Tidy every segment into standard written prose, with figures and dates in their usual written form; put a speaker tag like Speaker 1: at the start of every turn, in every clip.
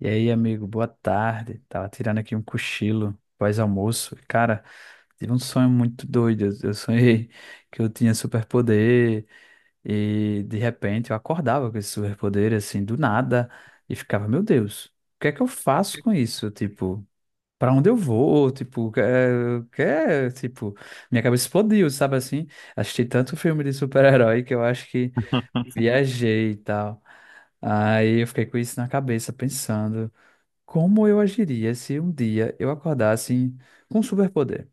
Speaker 1: E aí, amigo, boa tarde. Tava tirando aqui um cochilo pós-almoço. Cara, tive um sonho muito doido. Eu sonhei que eu tinha superpoder e de repente eu acordava com esse superpoder assim do nada e ficava, meu Deus, o que é que eu faço com isso? Tipo, pra onde eu vou? Tipo, tipo, minha cabeça explodiu, sabe assim? Assisti tanto filme de super-herói que eu acho que viajei e tal. Aí eu fiquei com isso na cabeça pensando. Como eu agiria se um dia eu acordasse com um superpoder?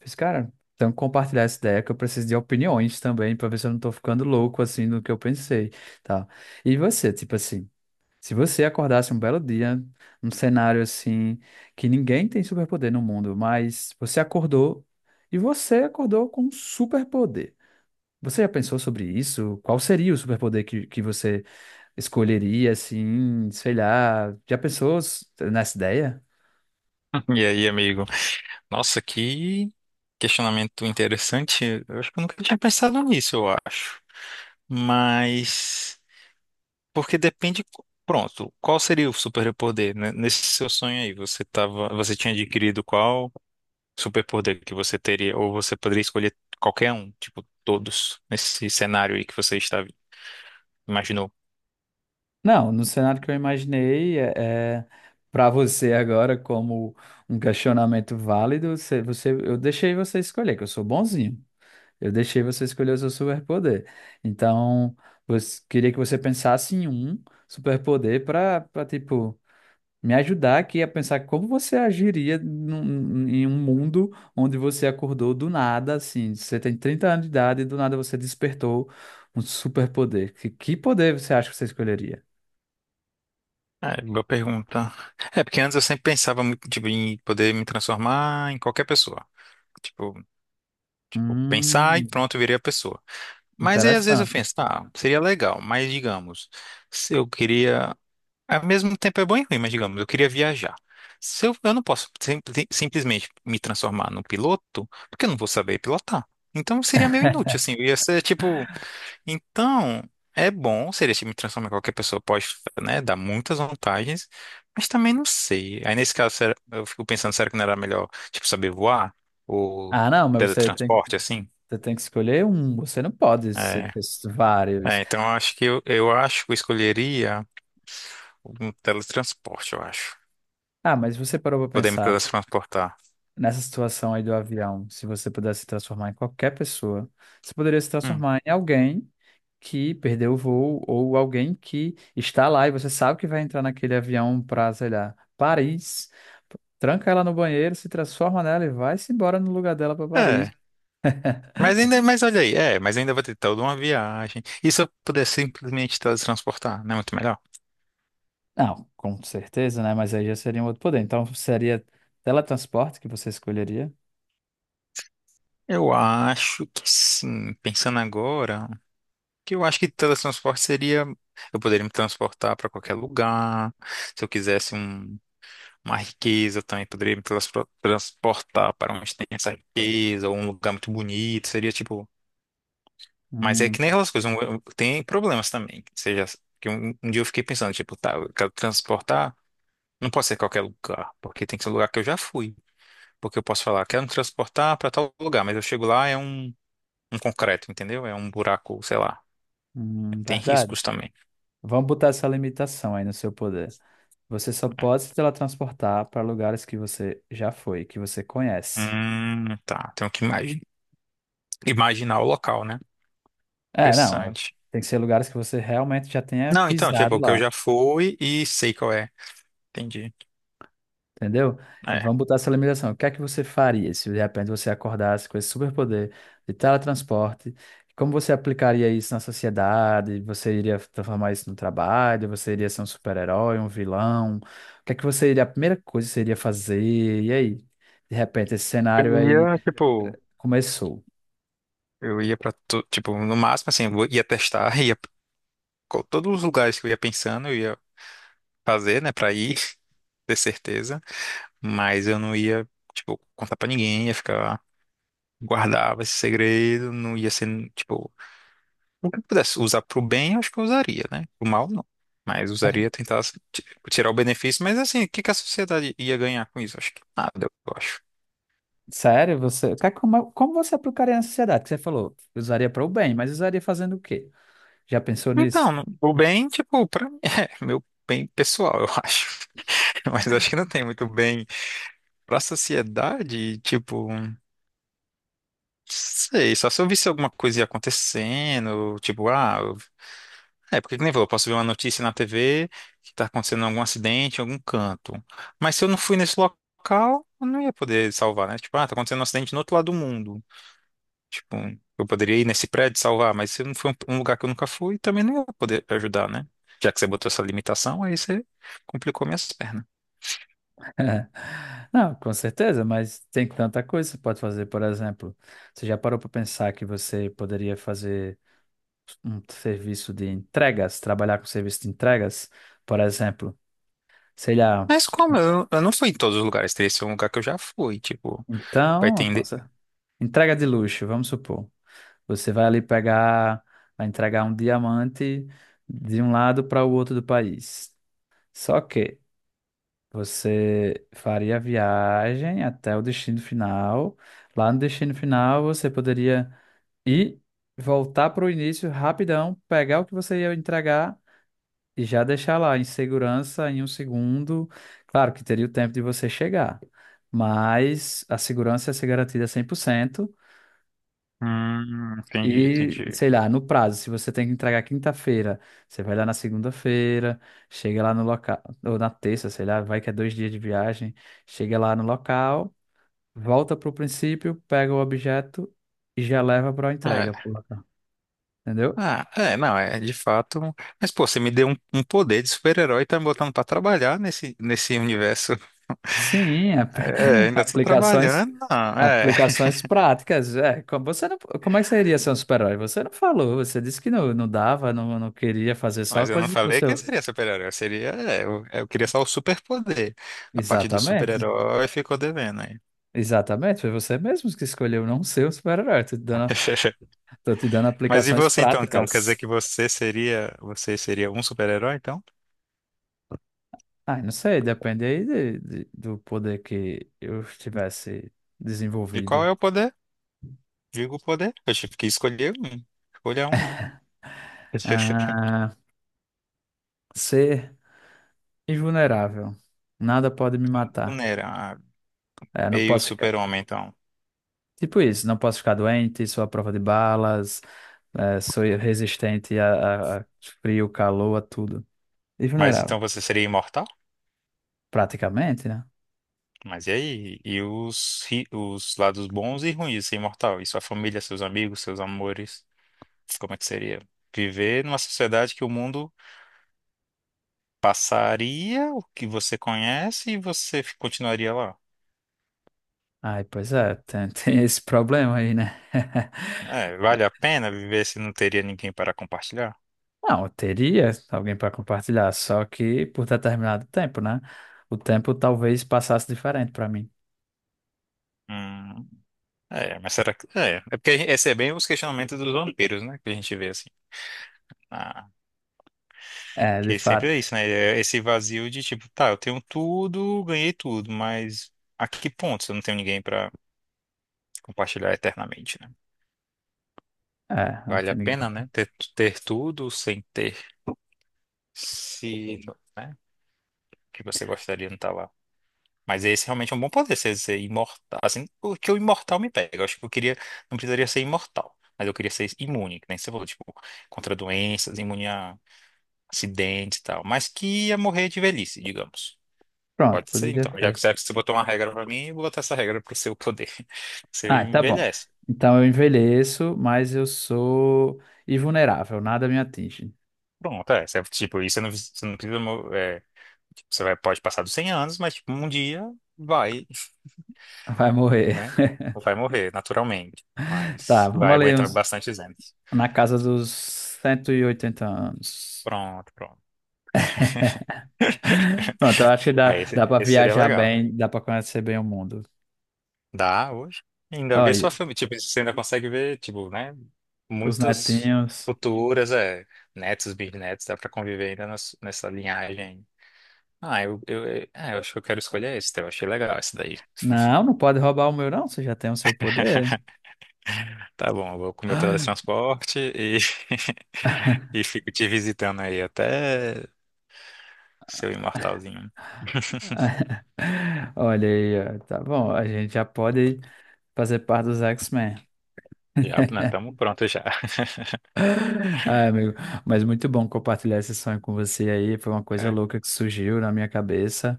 Speaker 1: Fiz, cara, então compartilhar essa ideia que eu preciso de opiniões também para ver se eu não tô ficando louco assim no que eu pensei, tá? E você, tipo assim, se você acordasse um belo dia, num cenário assim que ninguém tem superpoder no mundo, mas você acordou e você acordou com um superpoder. Você já pensou sobre isso? Qual seria o superpoder que você escolheria, assim, sei lá? Já pensou nessa ideia?
Speaker 2: E aí, amigo? Nossa, que questionamento interessante. Eu acho que eu nunca tinha pensado nisso, eu acho. Mas porque depende, pronto, qual seria o superpoder, né? Nesse seu sonho aí, você tinha adquirido qual superpoder que você teria, ou você poderia escolher qualquer um, tipo todos nesse cenário aí que você estava imaginou?
Speaker 1: Não, no cenário que eu imaginei, é para você agora, como um questionamento válido, eu deixei você escolher, que eu sou bonzinho. Eu deixei você escolher o seu superpoder. Então, você, queria que você pensasse em um superpoder tipo, me ajudar aqui a pensar como você agiria em um mundo onde você acordou do nada, assim. Você tem 30 anos de idade e do nada você despertou um superpoder. Que poder você acha que você escolheria?
Speaker 2: É, boa pergunta. É, porque antes eu sempre pensava muito, tipo, em poder me transformar em qualquer pessoa. Tipo. Vou pensar e
Speaker 1: Hum,
Speaker 2: pronto, eu virei a pessoa. Mas aí às vezes eu
Speaker 1: interessante.
Speaker 2: penso, tá, seria legal, mas digamos, se eu queria. Ao mesmo tempo é bom e ruim, mas digamos, eu queria viajar. Se eu, eu não posso simplesmente me transformar num piloto, porque eu não vou saber pilotar. Então seria meio inútil, assim, eu ia ser tipo. Então, é bom, seria se me transformar em qualquer pessoa, pode, né, dar muitas vantagens, mas também não sei. Aí nesse caso, eu fico pensando, será que não era melhor, tipo, saber voar? Ou
Speaker 1: Ah, não, mas
Speaker 2: teletransporte, assim?
Speaker 1: você tem que escolher um. Você não pode ser
Speaker 2: É,
Speaker 1: ter vários.
Speaker 2: então eu acho que eu escolheria um teletransporte, eu acho.
Speaker 1: Ah, mas você parou pra
Speaker 2: Poder me
Speaker 1: pensar
Speaker 2: teletransportar.
Speaker 1: nessa situação aí do avião. Se você pudesse se transformar em qualquer pessoa, você poderia se
Speaker 2: Hum,
Speaker 1: transformar em alguém que perdeu o voo ou alguém que está lá e você sabe que vai entrar naquele avião para sei lá, Paris. Tranca ela no banheiro, se transforma nela e vai-se embora no lugar dela para Paris.
Speaker 2: É, mas ainda, mas olha aí, é, mas ainda vou ter toda uma viagem. E se eu puder simplesmente teletransportar, não é muito melhor?
Speaker 1: Não, com certeza, né? Mas aí já seria um outro poder. Então seria teletransporte que você escolheria?
Speaker 2: Eu acho que sim, pensando agora, que eu acho que teletransporte seria, eu poderia me transportar para qualquer lugar. Se eu quisesse uma riqueza, eu também poderia me transportar para onde tem essa riqueza, ou um lugar muito bonito. Seria tipo. Mas é que nem
Speaker 1: Tá.
Speaker 2: aquelas coisas, tem problemas também. Ou seja, que um dia eu fiquei pensando, tipo, tá, eu quero transportar, não pode ser qualquer lugar, porque tem que ser um lugar que eu já fui. Porque eu posso falar, quero me transportar para tal lugar, mas eu chego lá, é um, um concreto, entendeu? É um buraco, sei lá. Tem
Speaker 1: Verdade.
Speaker 2: riscos também,
Speaker 1: Vamos botar essa limitação aí no seu poder. Você só
Speaker 2: né?
Speaker 1: pode se teletransportar para lugares que você já foi, que você conhece.
Speaker 2: Tá, imaginar o local, né?
Speaker 1: É, não, é-
Speaker 2: Interessante.
Speaker 1: tem que ser lugares que você realmente já tenha
Speaker 2: Não, então,
Speaker 1: pisado
Speaker 2: tipo, que eu
Speaker 1: lá.
Speaker 2: já fui e sei qual é. Entendi.
Speaker 1: Entendeu? E
Speaker 2: É.
Speaker 1: vamos botar essa limitação. O que é que você faria se de repente você acordasse com esse superpoder de teletransporte? Como você aplicaria isso na sociedade? Você iria transformar isso no trabalho? Você iria ser um super-herói, um vilão? O que é que você iria, a primeira coisa que você iria fazer? E aí, de repente, esse cenário
Speaker 2: Eu
Speaker 1: aí
Speaker 2: ia, tipo,
Speaker 1: começou.
Speaker 2: eu ia pra, tipo, no máximo, assim, eu ia testar, todos os lugares que eu ia pensando, eu ia fazer, né, pra ir, ter certeza, mas eu não ia, tipo, contar pra ninguém, ia ficar, guardava esse segredo, não ia ser, tipo, o que eu pudesse usar pro bem, eu acho que eu usaria, né? Pro mal, não. Mas
Speaker 1: Mas,
Speaker 2: usaria tentar ti- tirar o benefício, mas assim, o que que a sociedade ia ganhar com isso? Acho que nada, eu acho.
Speaker 1: sério, você, como, como você aplicaria na sociedade? Que você falou, usaria para o bem, mas usaria fazendo o quê? Já pensou nisso?
Speaker 2: Então, o bem, tipo, pra mim, é meu bem pessoal, eu acho. Mas acho que não tem muito bem pra sociedade, tipo. Sei, só se eu visse alguma coisa ia acontecendo, tipo, ah, é, porque que nem falou, eu posso ver uma notícia na TV que tá acontecendo algum acidente em algum canto. Mas se eu não fui nesse local, eu não ia poder salvar, né? Tipo, ah, tá acontecendo um acidente no outro lado do mundo. Tipo, eu poderia ir nesse prédio salvar, mas se eu não for um lugar que eu nunca fui, também não ia poder ajudar, né? Já que você botou essa limitação, aí você complicou minhas pernas.
Speaker 1: Não, com certeza, mas tem tanta coisa que você pode fazer. Por exemplo, você já parou para pensar que você poderia fazer um serviço de entregas, trabalhar com serviço de entregas? Por exemplo, sei lá,
Speaker 2: Mas como? Eu não fui em todos os lugares, teria que ser um lugar que eu já fui, tipo, vai
Speaker 1: então,
Speaker 2: ter...
Speaker 1: entrega de luxo, vamos supor. Você vai ali pegar, vai entregar um diamante de um lado para o outro do país. Só que você faria a viagem até o destino final. Lá no destino final, você poderia e voltar para o início rapidão, pegar o que você ia entregar e já deixar lá em segurança em um segundo. Claro que teria o tempo de você chegar, mas a segurança ia ser garantida 100%.
Speaker 2: Entendi,
Speaker 1: E,
Speaker 2: entendi.
Speaker 1: sei lá, no prazo, se você tem que entregar quinta-feira, você vai lá na segunda-feira, chega lá no local, ou na terça, sei lá, vai que é 2 dias de viagem, chega lá no local, volta para o princípio, pega o objeto e já leva para a entrega,
Speaker 2: É.
Speaker 1: pro local, entendeu?
Speaker 2: Ah, é, não, é de fato. Mas, pô, você me deu um poder de super-herói e tá me botando pra trabalhar nesse, nesse universo.
Speaker 1: Sim, ap-
Speaker 2: É, ainda tô
Speaker 1: aplicações,
Speaker 2: trabalhando, não, é.
Speaker 1: aplicações práticas. É, como você não, como é que você iria ser um super-herói? Você não falou, você disse que não dava, não queria fazer só
Speaker 2: Mas eu não
Speaker 1: coisas pro
Speaker 2: falei quem
Speaker 1: seu.
Speaker 2: seria super-herói, eu seria. É, eu queria só o super-poder. A parte do
Speaker 1: Exatamente.
Speaker 2: super-herói ficou devendo aí.
Speaker 1: Exatamente, foi você mesmo que escolheu não ser um super-herói. Tô te dando
Speaker 2: Mas e
Speaker 1: aplicações
Speaker 2: você então, então? Quer dizer
Speaker 1: práticas.
Speaker 2: que você seria. Você seria um super-herói, então?
Speaker 1: Ah, não sei, depende aí do poder que eu tivesse
Speaker 2: E qual
Speaker 1: desenvolvido.
Speaker 2: é o poder? Digo o poder. Eu tive que escolher um. Escolha um.
Speaker 1: Ah, ser invulnerável. Nada pode me matar.
Speaker 2: Vulnerável.
Speaker 1: É, não
Speaker 2: Meio
Speaker 1: posso ficar.
Speaker 2: super-homem, então.
Speaker 1: Tipo isso, não posso ficar doente, sou à prova de balas, sou resistente a frio, calor, a tudo. E
Speaker 2: Mas
Speaker 1: vulnerável,
Speaker 2: então você seria imortal?
Speaker 1: praticamente, né?
Speaker 2: Mas e aí? E os, os lados bons e ruins de ser imortal? E sua família, seus amigos, seus amores? Como é que seria? Viver numa sociedade que o mundo passaria o que você conhece e você continuaria lá.
Speaker 1: Ai, pois é, tem, tem esse problema aí, né?
Speaker 2: É, vale a pena viver se não teria ninguém para compartilhar?
Speaker 1: Não, eu teria alguém para compartilhar, só que por determinado tempo, né? O tempo talvez passasse diferente para mim.
Speaker 2: Hum, é, mas será que. É, é porque esse é bem os questionamentos dos vampiros, né? Que a gente vê assim.
Speaker 1: É, de
Speaker 2: Porque sempre
Speaker 1: fato.
Speaker 2: é isso, né? É. Esse vazio de tipo, tá, eu tenho tudo, ganhei tudo, mas a que ponto se eu não tenho ninguém pra compartilhar eternamente, né?
Speaker 1: É, não
Speaker 2: Vale a
Speaker 1: tem ninguém pra...
Speaker 2: pena, né? Ter tudo sem ter. Se, né? O que você gostaria não tá lá. Mas esse realmente é um bom poder, ser imortal. Assim, o que o imortal me pega. Eu acho que eu queria, não precisaria ser imortal, mas eu queria ser imune, que nem você falou, tipo, contra doenças, imune a acidentes e tal. Mas que ia morrer de velhice, digamos.
Speaker 1: Pronto,
Speaker 2: Pode ser,
Speaker 1: poderia
Speaker 2: então. Já que
Speaker 1: ser.
Speaker 2: você botou uma regra pra mim, eu vou botar essa regra pro seu poder. Você
Speaker 1: Ah, tá bom.
Speaker 2: envelhece.
Speaker 1: Então eu envelheço, mas eu sou invulnerável, nada me atinge.
Speaker 2: Pronto, é. Você, tipo, isso você não precisa. É, tipo, você vai, pode passar dos 100 anos, mas tipo, um dia vai,
Speaker 1: Vai morrer.
Speaker 2: né? Vai morrer, naturalmente.
Speaker 1: Tá,
Speaker 2: Mas
Speaker 1: vamos
Speaker 2: vai
Speaker 1: ali
Speaker 2: aguentar
Speaker 1: uns,
Speaker 2: bastante anos.
Speaker 1: na casa dos 180 anos.
Speaker 2: Pronto, pronto.
Speaker 1: Pronto, eu acho que
Speaker 2: Aí
Speaker 1: dá,
Speaker 2: esse,
Speaker 1: dá pra
Speaker 2: esse seria
Speaker 1: viajar
Speaker 2: legal.
Speaker 1: bem, dá pra conhecer bem o mundo.
Speaker 2: Dá hoje. Ainda vê
Speaker 1: Olha,
Speaker 2: sua família. Tipo, você ainda consegue ver, tipo, né?
Speaker 1: os
Speaker 2: Muitas
Speaker 1: netinhos.
Speaker 2: futuras, é, netos, bisnetos, dá pra conviver ainda nessa linhagem. Ah, é, eu acho que eu quero escolher esse, eu achei legal esse daí.
Speaker 1: Não, não pode roubar o meu, não. Você já tem o seu poder.
Speaker 2: Tá bom, eu vou com o meu teletransporte e, e fico te visitando aí até seu imortalzinho.
Speaker 1: Olha aí, ó, tá bom. A gente já pode fazer parte dos X-Men.
Speaker 2: Já, né? Tamo pronto já.
Speaker 1: Ai, amigo, mas muito bom compartilhar esse sonho com você aí. Foi uma coisa louca que surgiu na minha cabeça.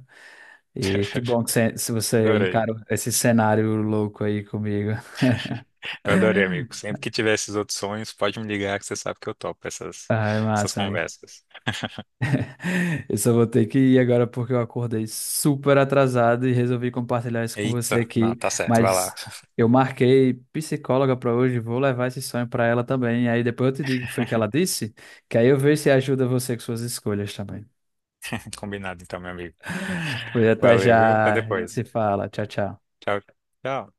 Speaker 1: E que bom que você, se você
Speaker 2: Adorei.
Speaker 1: encarou esse cenário louco aí comigo.
Speaker 2: Eu adorei, amigo. Sempre que tiver esses outros sonhos, pode me ligar que você sabe que eu topo essas,
Speaker 1: Ah, é
Speaker 2: essas
Speaker 1: massa, amigo.
Speaker 2: conversas.
Speaker 1: Eu só vou ter que ir agora porque eu acordei super atrasado e resolvi compartilhar isso com você
Speaker 2: Eita, não,
Speaker 1: aqui.
Speaker 2: tá certo, vai lá.
Speaker 1: Mas eu marquei psicóloga para hoje, vou levar esse sonho para ela também. Aí depois eu te digo o que foi que ela disse, que aí eu vejo se ajuda você com suas escolhas também.
Speaker 2: Combinado então, meu amigo.
Speaker 1: Pois até
Speaker 2: Valeu, viu? Até
Speaker 1: já, a gente se
Speaker 2: depois.
Speaker 1: fala. Tchau, tchau.
Speaker 2: Tchau. Tchau.